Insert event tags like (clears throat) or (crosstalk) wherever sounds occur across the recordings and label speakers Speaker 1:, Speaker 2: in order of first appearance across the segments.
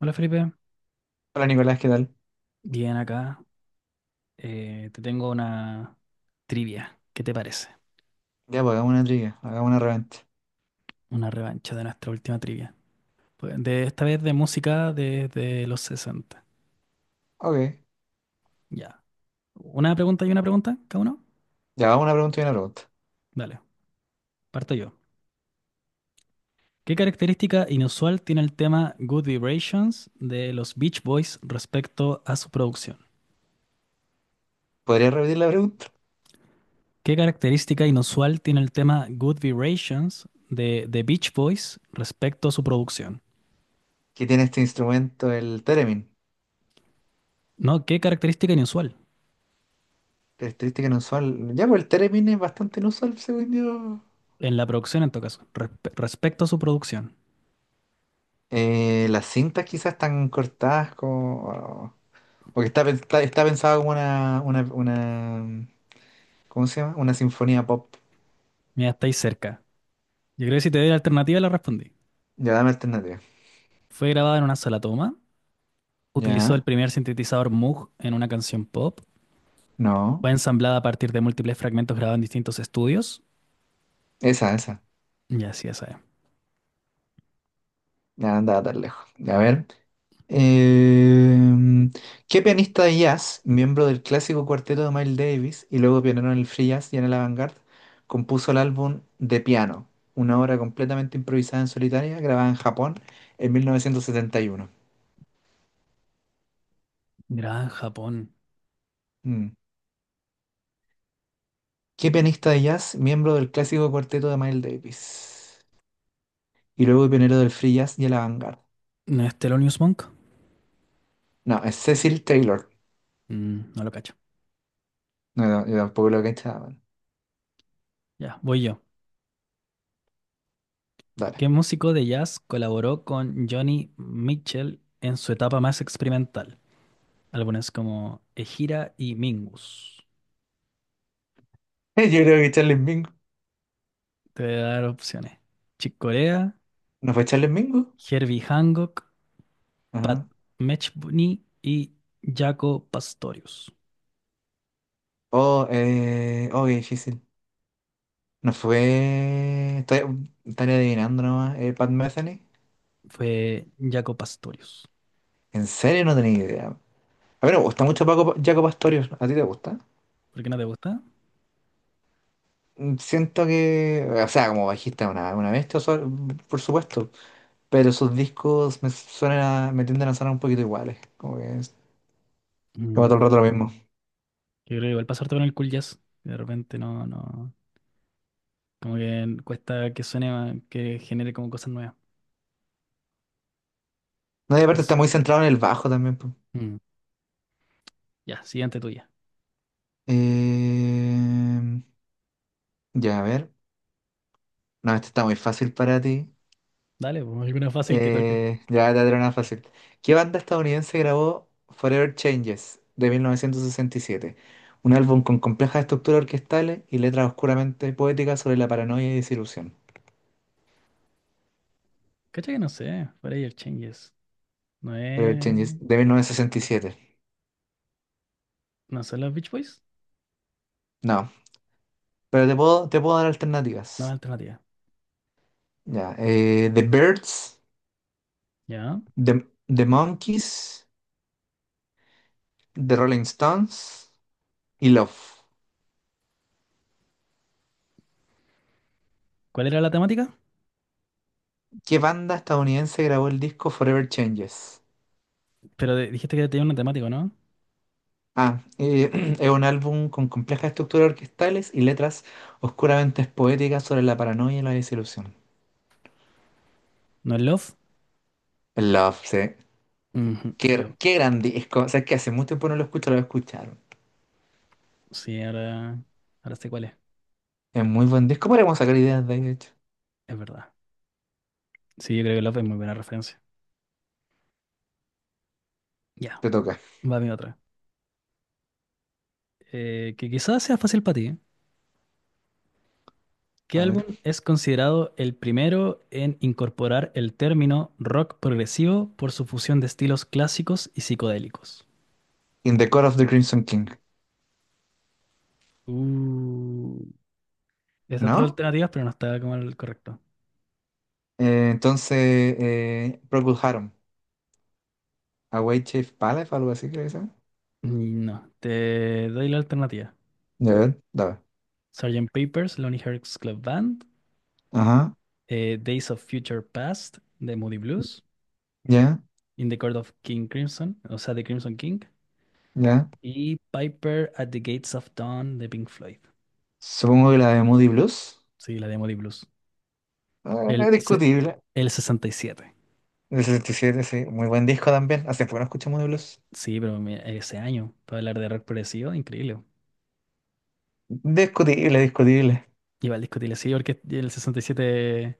Speaker 1: Hola Felipe,
Speaker 2: Hola Nicolás, ¿qué tal?
Speaker 1: bien acá. Te tengo una trivia. ¿Qué te parece?
Speaker 2: Ya, pues hagamos una trivia, hagamos una reventa.
Speaker 1: Una revancha de nuestra última trivia. Pues, de esta vez de música desde los 60.
Speaker 2: Ok,
Speaker 1: Ya. Una pregunta y una pregunta, cada uno.
Speaker 2: ya vamos una pregunta y una pregunta.
Speaker 1: Dale, parto yo. ¿Qué característica inusual tiene el tema Good Vibrations de los Beach Boys respecto a su producción?
Speaker 2: ¿Podría repetir la pregunta?
Speaker 1: ¿Qué característica inusual tiene el tema Good Vibrations de The Beach Boys respecto a su producción?
Speaker 2: ¿Qué tiene este instrumento, el theremin?
Speaker 1: No, ¿qué característica inusual?
Speaker 2: Característica inusual. Ya, pues el theremin es bastante inusual, según yo.
Speaker 1: En la producción, en todo caso. Respecto a su producción.
Speaker 2: Las cintas quizás están cortadas como. O que está pensado como una. ¿Cómo se llama? Una sinfonía pop.
Speaker 1: Mira, estáis cerca. Yo creo que si te doy la alternativa, la respondí.
Speaker 2: Ya, dame alternativa.
Speaker 1: Fue grabada en una sola toma. Utilizó el
Speaker 2: Ya,
Speaker 1: primer sintetizador Moog en una canción pop.
Speaker 2: no.
Speaker 1: Fue ensamblada a partir de múltiples fragmentos grabados en distintos estudios.
Speaker 2: Esa, esa.
Speaker 1: Ya, sí, esa es.
Speaker 2: Ya, andaba tan lejos. A ver. Em, ¿qué pianista de jazz, miembro del clásico cuarteto de Miles Davis y luego pionero en el free jazz y en el avant-garde, compuso el álbum De Piano, una obra completamente improvisada en solitaria grabada en Japón en 1971?
Speaker 1: Grabada en Japón.
Speaker 2: Mm. ¿Qué pianista de jazz, miembro del clásico cuarteto de Miles Davis y luego pionero del free jazz y el avant-garde?
Speaker 1: ¿No es Thelonious Monk?
Speaker 2: No, es Cecil Taylor.
Speaker 1: Mm, no lo cacho.
Speaker 2: No, no, yo tampoco lo que cachaba.
Speaker 1: Ya, voy yo.
Speaker 2: Dale.
Speaker 1: ¿Qué músico de jazz colaboró con Johnny Mitchell en su etapa más experimental? Álbumes como Ejira y Mingus.
Speaker 2: (laughs) Yo creo que Charles Mingus.
Speaker 1: Te voy a dar opciones. Chick Corea,
Speaker 2: ¿No fue Charles Mingus?
Speaker 1: Herbie Hancock, Pat Metheny y Jaco Pastorius.
Speaker 2: Oh, oh, qué difícil. No fue. Estaría adivinando nomás. Pat Metheny.
Speaker 1: Fue Jaco Pastorius.
Speaker 2: En serio, no tenía idea. A ver, me gusta mucho Paco, Jaco Pastorius. ¿A ti te gusta?
Speaker 1: ¿Por qué no te gusta?
Speaker 2: Siento que. O sea, como bajista, una bestia, por supuesto. Pero sus discos me tienden a sonar un poquito iguales. Como que es. Como
Speaker 1: Mm.
Speaker 2: todo el rato lo mismo.
Speaker 1: Yo creo que igual pasarte con el cool jazz. De repente no, no. Como que cuesta que suene, que genere como cosas nuevas.
Speaker 2: No, y aparte
Speaker 1: Vers-
Speaker 2: está muy centrado en el bajo también. Po.
Speaker 1: Mm. Ya, siguiente tuya.
Speaker 2: Eh, ya, a ver. No, este está muy fácil para ti.
Speaker 1: Dale, pues alguna fácil que toque.
Speaker 2: Ya, ya era una fácil. ¿Qué banda estadounidense grabó Forever Changes de 1967? Un álbum con complejas estructuras orquestales y letras oscuramente poéticas sobre la paranoia y desilusión.
Speaker 1: Cacha que no sé, el Changes. No
Speaker 2: Forever
Speaker 1: es.
Speaker 2: Changes de 1967.
Speaker 1: ¿No son los Beach Boys?
Speaker 2: No, pero te puedo dar
Speaker 1: No es
Speaker 2: alternativas.
Speaker 1: alternativa.
Speaker 2: Ya, The Birds,
Speaker 1: ¿Ya?
Speaker 2: The, The Monkees, The Rolling Stones y Love.
Speaker 1: ¿Cuál era la temática?
Speaker 2: ¿Qué banda estadounidense grabó el disco Forever Changes?
Speaker 1: Pero dijiste que tenía una temática, ¿no?
Speaker 2: Ah, (clears throat) es un álbum con complejas estructuras orquestales y letras oscuramente poéticas sobre la paranoia y la desilusión.
Speaker 1: ¿No es Love?
Speaker 2: Love, sí.
Speaker 1: Ujú,
Speaker 2: Qué,
Speaker 1: Love.
Speaker 2: qué gran disco. O sea, es que hace mucho tiempo no lo escucho, lo escucharon.
Speaker 1: Sí, ahora, ahora sé cuál es.
Speaker 2: Es muy buen disco. Podríamos sacar ideas de ahí, de hecho.
Speaker 1: Es verdad. Sí, yo creo que Love es muy buena referencia. Ya,
Speaker 2: Te toca.
Speaker 1: va mi otra. Que quizás sea fácil para ti. ¿Eh? ¿Qué
Speaker 2: A ver.
Speaker 1: álbum es considerado el primero en incorporar el término rock progresivo por su fusión de estilos clásicos y psicodélicos?
Speaker 2: In the Court of the Crimson King.
Speaker 1: Uh, están tres
Speaker 2: ¿No?
Speaker 1: alternativas, pero no está como el correcto.
Speaker 2: Entonces, Procol Harum. Away Chief Palace, algo así, creo que se llama.
Speaker 1: Mm, no, te doy la alternativa.
Speaker 2: Ya ver, dale.
Speaker 1: Sergeant Papers, Lonely Hearts Club Band,
Speaker 2: Ajá.
Speaker 1: Days of Future Past de Moody Blues,
Speaker 2: Ya,
Speaker 1: In the Court of King Crimson, o sea, de Crimson King,
Speaker 2: ya.
Speaker 1: y Piper at the Gates of Dawn de Pink Floyd.
Speaker 2: Supongo que la de Moody Blues.
Speaker 1: Sí, la de Moody Blues. El,
Speaker 2: Eh,
Speaker 1: se-
Speaker 2: discutible.
Speaker 1: el 67.
Speaker 2: Del 77, sí. Muy buen disco también. Hace poco no escuchamos de blues.
Speaker 1: Sí, pero mira, ese año, para hablar de rock progresivo, increíble.
Speaker 2: Discutible, discutible.
Speaker 1: Iba al disco Tile, sí, porque el 67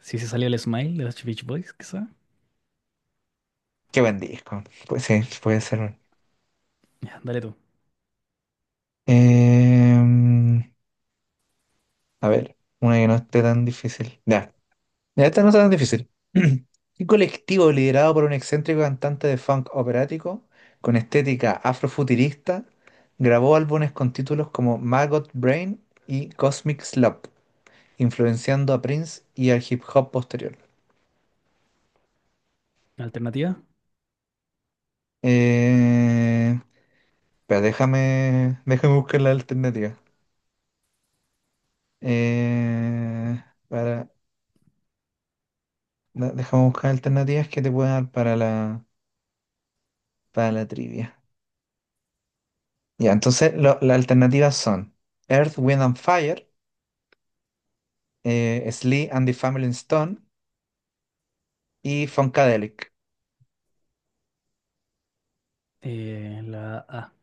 Speaker 1: si se salió el Smile de los Beach Boys, quizá.
Speaker 2: Qué buen disco. Pues sí, puede ser.
Speaker 1: Ya, dale tú.
Speaker 2: Em, a ver, una que no esté tan difícil. Ya, ya esta no está tan difícil. (clears throat) Un colectivo liderado por un excéntrico cantante de funk operático con estética afrofuturista grabó álbumes con títulos como Maggot Brain y Cosmic Slump, influenciando a Prince y al hip hop posterior.
Speaker 1: Alternativa,
Speaker 2: Eh, Pero déjame buscar las alternativas. Eh, para, déjame buscar alternativas que te puedan dar para la trivia. Ya, entonces las alternativas son Earth, Wind and Fire, Sly and the Family Stone y Funkadelic.
Speaker 1: la A,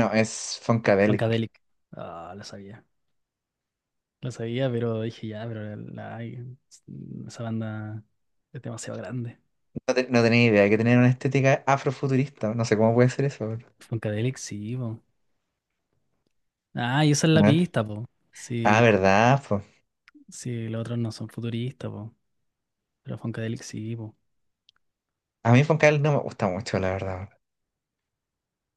Speaker 2: No, es Funkadelic.
Speaker 1: Funkadelic. Ah, la sabía. Lo sabía, pero dije ya, pero la- esa banda es demasiado grande.
Speaker 2: No, no tenía idea que tenían una estética afrofuturista. No sé cómo puede ser eso.
Speaker 1: Funkadelic, sí, po. Ah, y esa es
Speaker 2: A
Speaker 1: la
Speaker 2: ver.
Speaker 1: pista, po.
Speaker 2: Ah,
Speaker 1: Sí,
Speaker 2: ¿verdad? Po?
Speaker 1: sí, los otros no son futuristas, po. Pero Funkadelic sí, po.
Speaker 2: A mí Funkadelic no me gusta mucho, la verdad.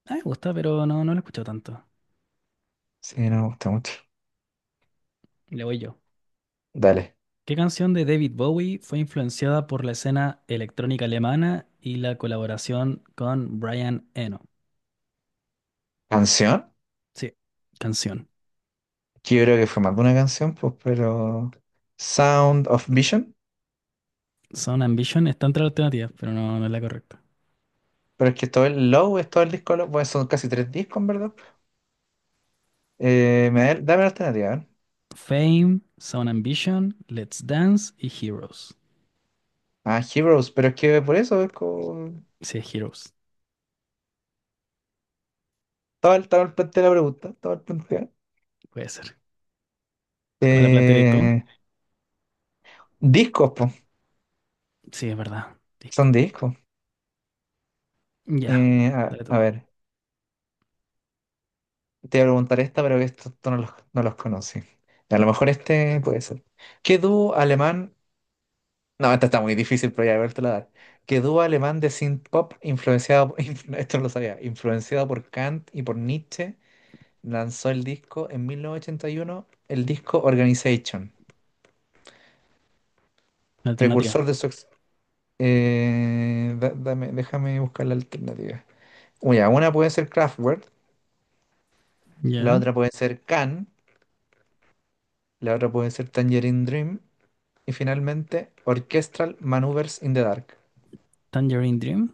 Speaker 1: Ah, me gusta, pero no, no lo he escuchado tanto.
Speaker 2: Sí, no me gusta mucho.
Speaker 1: Le voy yo.
Speaker 2: Dale.
Speaker 1: ¿Qué canción de David Bowie fue influenciada por la escena electrónica alemana y la colaboración con Brian Eno?
Speaker 2: ¿Canción?
Speaker 1: Sí, canción.
Speaker 2: Que yo creo que fue más de una canción, pues, pero Sound of Vision,
Speaker 1: Son Ambition está entre las alternativas, pero no, no es la correcta.
Speaker 2: pero es que todo el Low es todo el disco Low, pues son casi tres discos, en ¿verdad? Dame la alternativa, a ver.
Speaker 1: Fame, Sound Ambition, Let's Dance y Heroes.
Speaker 2: Ah, Heroes, pero es que por eso es como.
Speaker 1: Sí, Heroes,
Speaker 2: Estaba todo el planteo de la pregunta, todo el planteo.
Speaker 1: puede ser. ¿Cómo la plantearé tú?
Speaker 2: Eh, Eh, discos, pues,
Speaker 1: Sí, es verdad.
Speaker 2: son
Speaker 1: Disco.
Speaker 2: discos.
Speaker 1: Ya,
Speaker 2: Eh, a,
Speaker 1: dale
Speaker 2: a
Speaker 1: tú.
Speaker 2: ver, te voy a preguntar esta, pero que esto, tú no los conocí. A lo mejor este puede ser. ¿Qué dúo alemán No, esta está muy difícil, pero ya, a ver, te la dar. Que dúo alemán de synth-pop influenciado, (laughs) esto no lo sabía, influenciado por Kant y por Nietzsche, lanzó el disco en 1981, el disco Organization,
Speaker 1: Alternativa.
Speaker 2: precursor de su. Déjame buscar la alternativa. Uy, ya, una puede ser Kraftwerk, la
Speaker 1: Ya.
Speaker 2: otra puede ser Can, la otra puede ser Tangerine Dream, y finalmente Orchestral Maneuvers in the Dark.
Speaker 1: Tangerine Dream.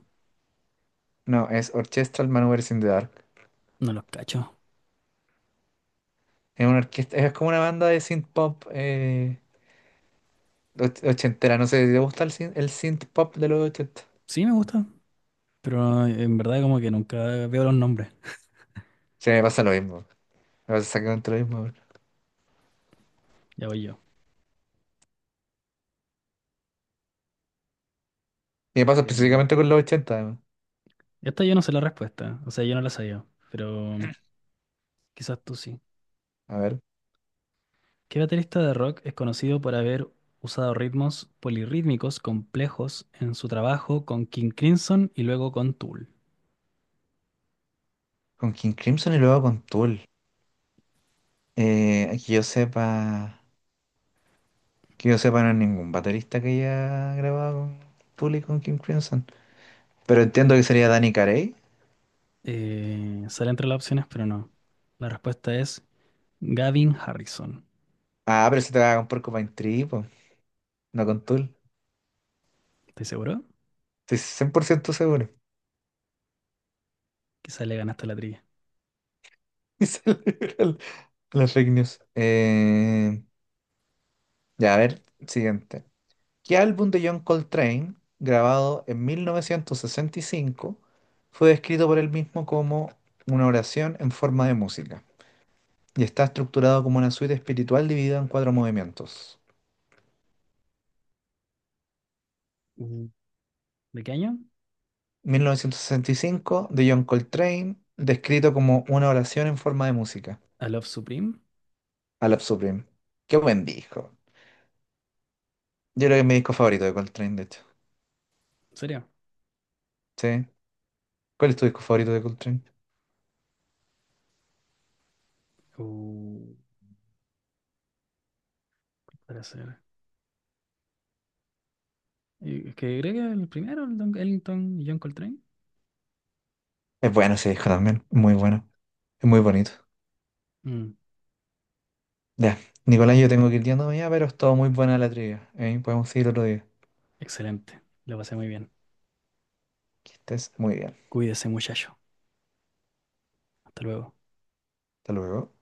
Speaker 2: No, es Orchestral Maneuvers in the Dark.
Speaker 1: No los cacho.
Speaker 2: Es una orquesta, es como una banda de synth pop ochentera. No sé, ¿te gusta el synth pop de los ochenta?
Speaker 1: Sí, me gusta. Pero en verdad como que nunca veo los nombres.
Speaker 2: Sí, me pasa lo mismo. Me pasa exactamente lo mismo. Weón.
Speaker 1: Ya voy yo.
Speaker 2: Y me pasa
Speaker 1: Eh,
Speaker 2: específicamente con los ochenta además.
Speaker 1: esta yo no sé la respuesta. O sea, yo no la sabía. Pero quizás tú sí.
Speaker 2: A ver,
Speaker 1: ¿Qué baterista de rock es conocido por haber usado ritmos polirrítmicos complejos en su trabajo con King Crimson y luego con Tool?
Speaker 2: con King Crimson y luego con Tool. Que yo sepa, que yo sepa, no hay ningún baterista que haya grabado con Tool y con King Crimson. Pero entiendo que sería Danny Carey.
Speaker 1: Sale entre las opciones, pero no. La respuesta es Gavin Harrison.
Speaker 2: Ah, pero se te va con Porcupine Tree, po, no con Tool.
Speaker 1: ¿Estás seguro?
Speaker 2: Estoy 100% seguro. (laughs)
Speaker 1: Quizá le ganaste la trivia.
Speaker 2: Y se le libra la fake news. Ya, a ver, siguiente. ¿Qué álbum de John Coltrane, grabado en 1965, fue descrito por él mismo como una oración en forma de música? Y está estructurado como una suite espiritual dividida en cuatro movimientos.
Speaker 1: Mm. ¿De qué año?
Speaker 2: 1965, de John Coltrane, descrito como una oración en forma de música.
Speaker 1: ¿A Love Supreme?
Speaker 2: A la Supreme. Qué buen disco. Yo creo que es mi disco favorito de Coltrane, de hecho.
Speaker 1: ¿En serio?
Speaker 2: ¿Sí? ¿Cuál es tu disco favorito de Coltrane?
Speaker 1: Uh, para ser. Y es que creo que el primero, el Don Ellington y John Coltrane.
Speaker 2: Es bueno ese disco también, muy bueno. Es muy bonito.
Speaker 1: Mm,
Speaker 2: Ya, Nicolás, yo tengo que ir yéndome ya, pero es todo muy buena la trivia. ¿Eh? Podemos seguir otro día.
Speaker 1: excelente. Lo pasé muy bien.
Speaker 2: Que estés muy bien.
Speaker 1: Cuídese, muchacho. Hasta luego.
Speaker 2: Hasta luego.